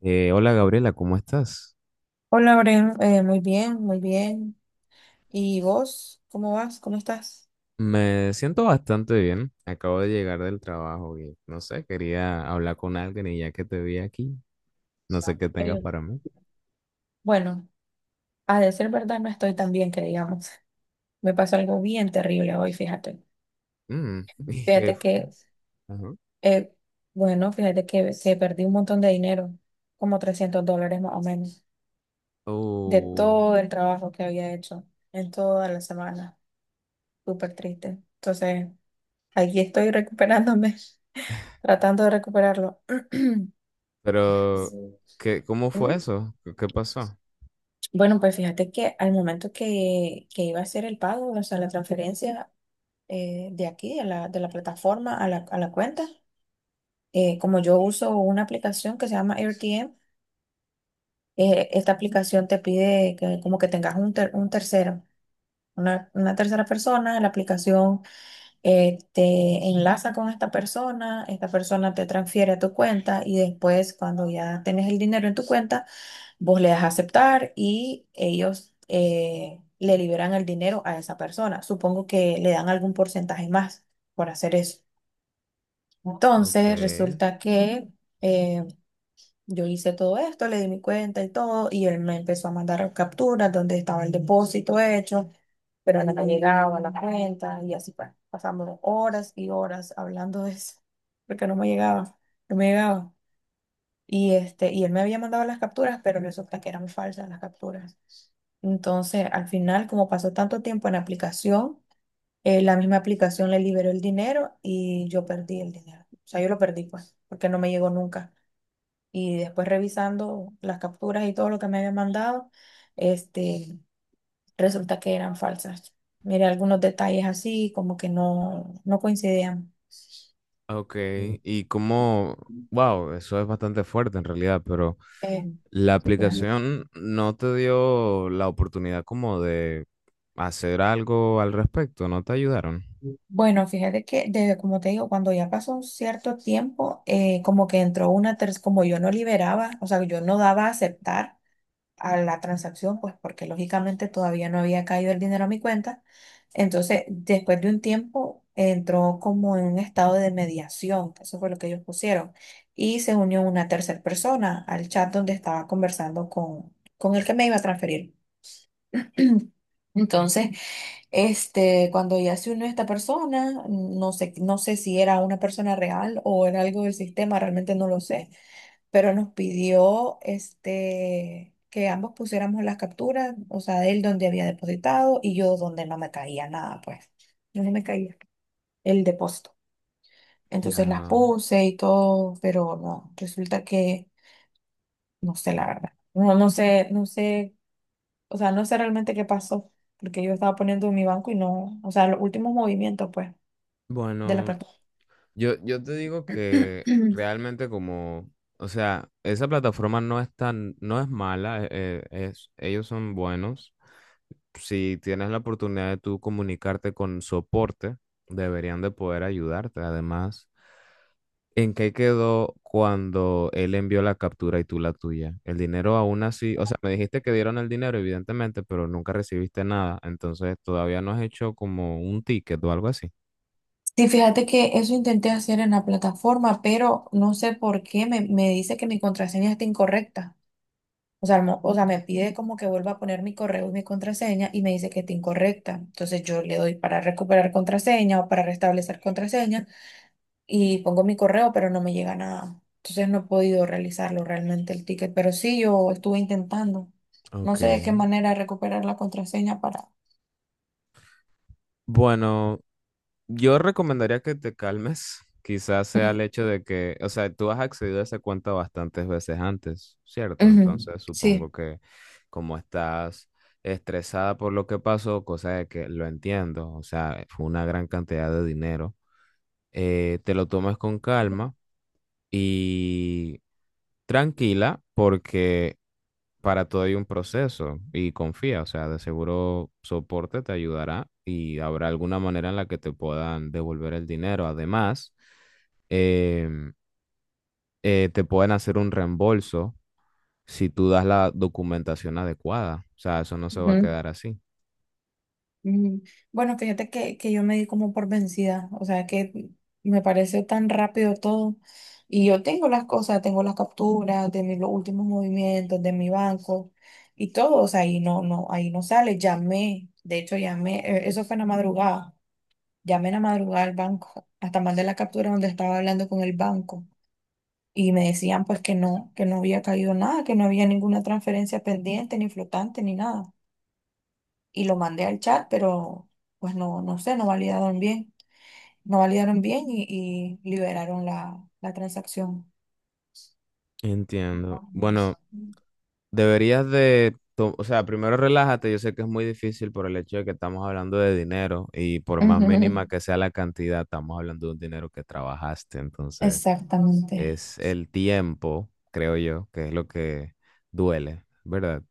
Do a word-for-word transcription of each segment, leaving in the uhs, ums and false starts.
Eh, hola Gabriela, ¿cómo estás? Hola, Bren, eh, muy bien, muy bien. ¿Y vos? ¿Cómo vas? ¿Cómo estás? Me siento bastante bien. Acabo de llegar del trabajo y no sé, quería hablar con alguien y ya que te vi aquí, no sé qué tengas Eh, para mí. bueno, a decir verdad, no estoy tan bien que digamos. Me pasó algo bien terrible hoy, fíjate. Mm, ¿y qué? Fíjate f- que, Ajá. eh, bueno, fíjate que se perdí un montón de dinero, como trescientos dólares más o menos, de Uh, todo el trabajo que había hecho en toda la semana. Súper triste. Entonces, aquí estoy recuperándome, tratando de recuperarlo. pero ¿qué, cómo fue ¿Mm? eso? ¿Qué, qué pasó? Bueno, pues fíjate que al momento que, que iba a hacer el pago, o sea, la transferencia, eh, de aquí, de la, de la plataforma a la, a la cuenta. Eh, como yo uso una aplicación que se llama AirTM, eh, esta aplicación te pide que, como que tengas un, ter- un tercero, una, una tercera persona. La aplicación eh, te enlaza con esta persona, esta persona te transfiere a tu cuenta y después cuando ya tienes el dinero en tu cuenta, vos le das a aceptar y ellos eh, le liberan el dinero a esa persona. Supongo que le dan algún porcentaje más por hacer eso. Ok. Entonces, resulta que eh, yo hice todo esto, le di mi cuenta y todo, y él me empezó a mandar capturas donde estaba el depósito hecho, pero no me llegaba la cuenta y así pa- pasamos horas y horas hablando de eso, porque no me llegaba, no me llegaba. Y, este, y él me había mandado las capturas, pero resulta que eran falsas las capturas. Entonces, al final, como pasó tanto tiempo en la aplicación, eh, la misma aplicación le liberó el dinero y yo perdí el dinero. O sea, yo lo perdí, pues, porque no me llegó nunca. Y después revisando las capturas y todo lo que me había mandado, este, resulta que eran falsas. Mire, algunos detalles así, como que no, no coincidían. Ok, y como, wow, eso es bastante fuerte en realidad, pero Eh, la sí, pues. aplicación no te dio la oportunidad como de hacer algo al respecto, no te ayudaron. Bueno, fíjate que desde, como te digo, cuando ya pasó un cierto tiempo, eh, como que entró una tercera, como yo no liberaba, o sea, yo no daba a aceptar a la transacción, pues porque lógicamente todavía no había caído el dinero a mi cuenta. Entonces, después de un tiempo, entró como en un estado de mediación, eso fue lo que ellos pusieron, y se unió una tercera persona al chat donde estaba conversando con, con el que me iba a transferir. Entonces, este, cuando ya se unió esta persona, no sé, no sé si era una persona real o era algo del sistema, realmente no lo sé, pero nos pidió este, que ambos pusiéramos las capturas, o sea, él donde había depositado y yo donde no me caía nada, pues, no me caía el depósito. Entonces las Ya, puse y todo, pero no, resulta que no sé la verdad. No, no sé, no sé, o sea, no sé realmente qué pasó, porque yo estaba poniendo en mi banco y no, o sea, los últimos movimientos, pues, de la bueno, plataforma. yo, yo te digo que realmente como, o sea, esa plataforma no es tan, no es mala, eh, eh, es, ellos son buenos. Si tienes la oportunidad de tú comunicarte con soporte, deberían de poder ayudarte. Además. ¿En qué quedó cuando él envió la captura y tú la tuya? El dinero aún así, o sea, me dijiste que dieron el dinero, evidentemente, pero nunca recibiste nada, entonces todavía no has hecho como un ticket o algo así. Sí, fíjate que eso intenté hacer en la plataforma, pero no sé por qué me, me dice que mi contraseña está incorrecta. O sea, mo- o sea, me pide como que vuelva a poner mi correo y mi contraseña y me dice que está incorrecta. Entonces yo le doy para recuperar contraseña o para restablecer contraseña y pongo mi correo, pero no me llega nada. Entonces no he podido realizarlo realmente el ticket, pero sí yo estuve intentando. No Ok. sé de qué manera recuperar la contraseña para... Bueno, yo recomendaría que te calmes. Quizás sea Ujú, el hecho de que, o sea, tú has accedido a esa cuenta bastantes veces antes, ¿cierto? ujú, Entonces sí. supongo que como estás estresada por lo que pasó, cosa de que lo entiendo, o sea, fue una gran cantidad de dinero. Eh, te lo tomes con calma y tranquila porque para todo hay un proceso y confía, o sea, de seguro soporte te ayudará y habrá alguna manera en la que te puedan devolver el dinero. Además, em, eh, te pueden hacer un reembolso si tú das la documentación adecuada, o sea, eso no se va a quedar así. Mm, Bueno, fíjate que, que yo me di como por vencida, o sea que me pareció tan rápido todo y yo tengo las cosas, tengo las capturas de mis los últimos movimientos, de mi banco y todo, o sea, ahí no, no, ahí no sale, llamé, de hecho llamé, eh, eso fue en la madrugada, llamé en la madrugada al banco, hasta mandé la captura donde estaba hablando con el banco y me decían pues que no, que no había caído nada, que no había ninguna transferencia pendiente, ni flotante, ni nada y lo mandé al chat, pero pues no, no sé, no validaron bien, no validaron bien y, y liberaron la, la transacción. Entiendo. Ujú. Bueno, deberías de, to- o sea, primero relájate, yo sé que es muy difícil por el hecho de que estamos hablando de dinero y por más mínima que sea la cantidad, estamos hablando de un dinero que trabajaste, entonces Exactamente. es el tiempo, creo yo, que es lo que duele, ¿verdad?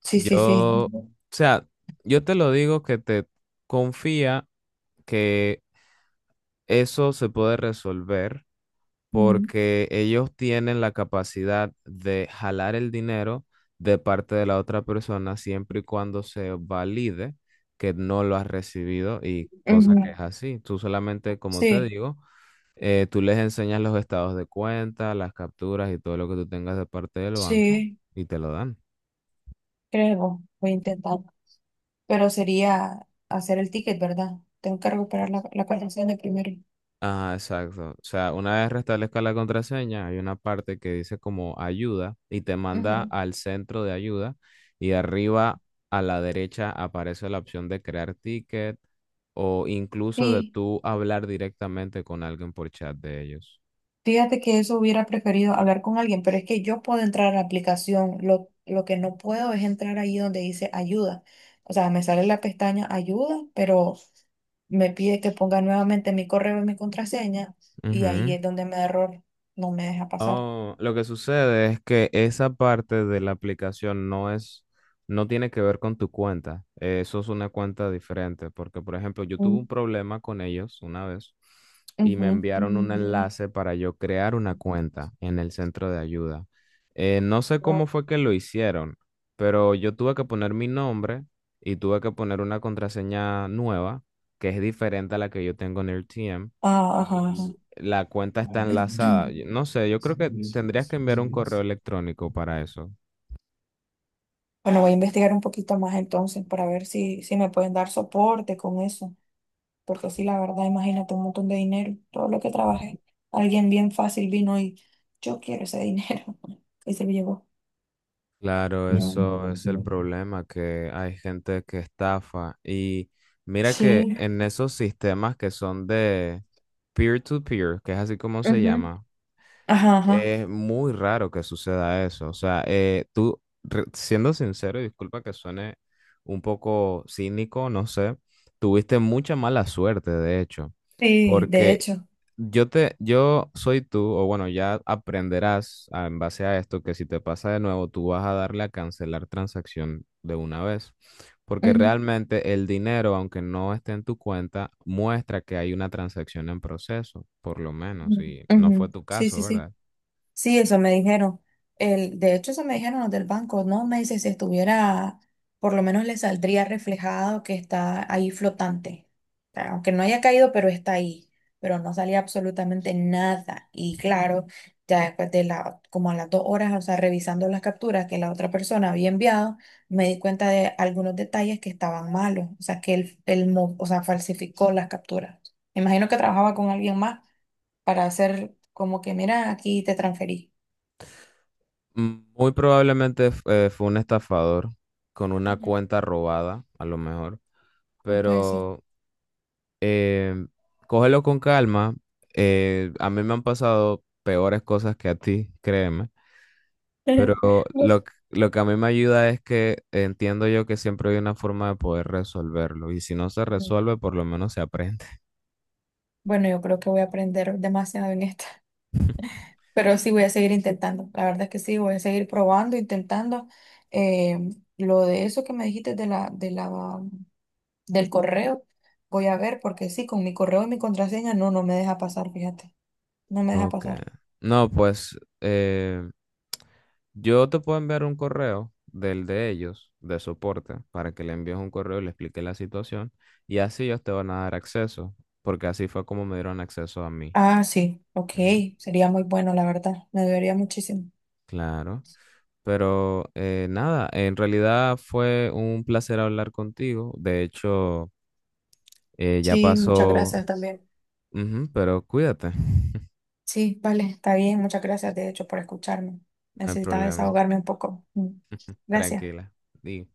Sí, Yo, sí, sí. o sea, yo te lo digo que te confía que eso se puede resolver Ujú, porque ellos tienen la capacidad de jalar el dinero de parte de la otra persona siempre y cuando se valide que no lo has recibido y cosa que es ujú. así. Tú solamente, como te Sí, digo, eh, tú les enseñas los estados de cuenta, las capturas y todo lo que tú tengas de parte del banco sí, y te lo dan. creo, voy a intentar. Pero sería hacer el ticket, ¿verdad? Tengo que recuperar la, la contraseña primero. Ah, exacto. O sea, una vez restablezca la contraseña, hay una parte que dice como ayuda y te manda Ujú. al centro de ayuda y arriba a la derecha aparece la opción de crear ticket o incluso de Sí. tú hablar directamente con alguien por chat de ellos. Fíjate que eso hubiera preferido hablar con alguien, pero es que yo puedo entrar a la aplicación. Lo, lo que no puedo es entrar ahí donde dice ayuda. O sea, me sale la pestaña ayuda, pero me pide que ponga nuevamente mi correo y mi contraseña, y ahí Ujú. es donde me da error, no me deja pasar. Oh, lo que sucede es que esa parte de la aplicación no es, no tiene que ver con tu cuenta. Eh, Eso es una cuenta diferente, porque por ejemplo, yo tuve un Mm. problema con ellos una vez y me Ujú. enviaron un enlace para yo crear una cuenta en el centro de ayuda. Eh, no sé cómo fue que lo hicieron, pero yo tuve que poner mi nombre y tuve que poner una contraseña nueva que es diferente a la que yo tengo en el T M Ah, ajá, ajá. la cuenta está enlazada. Yo- No sé, yo creo que tendrías que enviar un correo electrónico para eso. Bueno, voy a investigar un poquito más entonces para ver si, si me pueden dar soporte con eso. Porque sí, la verdad, imagínate un montón de dinero, todo lo que trabajé. Alguien bien fácil vino y yo quiero ese dinero. Y se lo llevó. Claro, eso es el problema, que hay gente que estafa. Y mira que Sí. en esos sistemas que son de peer-to-peer, que es así como se Ujú, llama, ajá, ajá. es muy raro que suceda eso. O sea, eh, tú, re- siendo sincero, y disculpa que suene un poco cínico, no sé, tuviste mucha mala suerte, de hecho, Sí, de porque hecho. yo te, yo soy tú, o bueno, ya aprenderás ah, en base a esto que si te pasa de nuevo, tú vas a darle a cancelar transacción de una vez, porque Ujú, realmente el dinero, aunque no esté en tu cuenta, muestra que hay una transacción en proceso, por lo menos, ujú. y no fue Ujú. tu Sí, caso, sí, sí. ¿verdad? Sí, eso me dijeron. El, de hecho, eso me dijeron los del banco, ¿no? Me dice, si estuviera, por lo menos le saldría reflejado que está ahí flotante. O sea, aunque no haya caído, pero está ahí. Pero no salía absolutamente nada. Y claro, ya después de la, como a las dos horas, o sea, revisando las capturas que la otra persona había enviado, me di cuenta de algunos detalles que estaban malos. O sea, que él, él mo- o sea, falsificó las capturas. Me imagino que trabajaba con alguien más para hacer como que, mira, aquí te transferí. Mm, muy probablemente f- eh, fue un estafador con una Ujú. cuenta robada, a lo mejor, Puede ser. pero eh, cógelo con calma. Eh, a mí me han pasado peores cosas que a ti, créeme, pero Pues. lo, que- lo que a mí me ayuda es que entiendo yo que siempre hay una forma de poder resolverlo y si no se Ujú. resuelve, por lo menos se aprende. Bueno, yo creo que voy a aprender demasiado en esta, pero sí voy a seguir intentando. La verdad es que sí, voy a seguir probando, intentando. Eh, lo de eso que me dijiste de la, de la, del correo, voy a ver porque sí, con mi correo y mi contraseña, no, no me deja pasar, fíjate, no me deja Ok. pasar. No, pues eh, yo te puedo enviar un correo del de ellos, de soporte, para que le envíes un correo y le expliques la situación y así ellos te van a dar acceso, porque así fue como me dieron acceso a mí. Ah, sí, ok, Ujú. sería muy bueno, la verdad, me debería muchísimo. Claro. Pero eh, nada, en realidad fue un placer hablar contigo. De hecho, eh, ya Sí, muchas pasó. gracias también. Ujú, pero cuídate, Sí, vale, está bien. Muchas gracias, de hecho, por escucharme. no hay Necesitaba problema, desahogarme un poco. Mm. Gracias. tranquila. Di.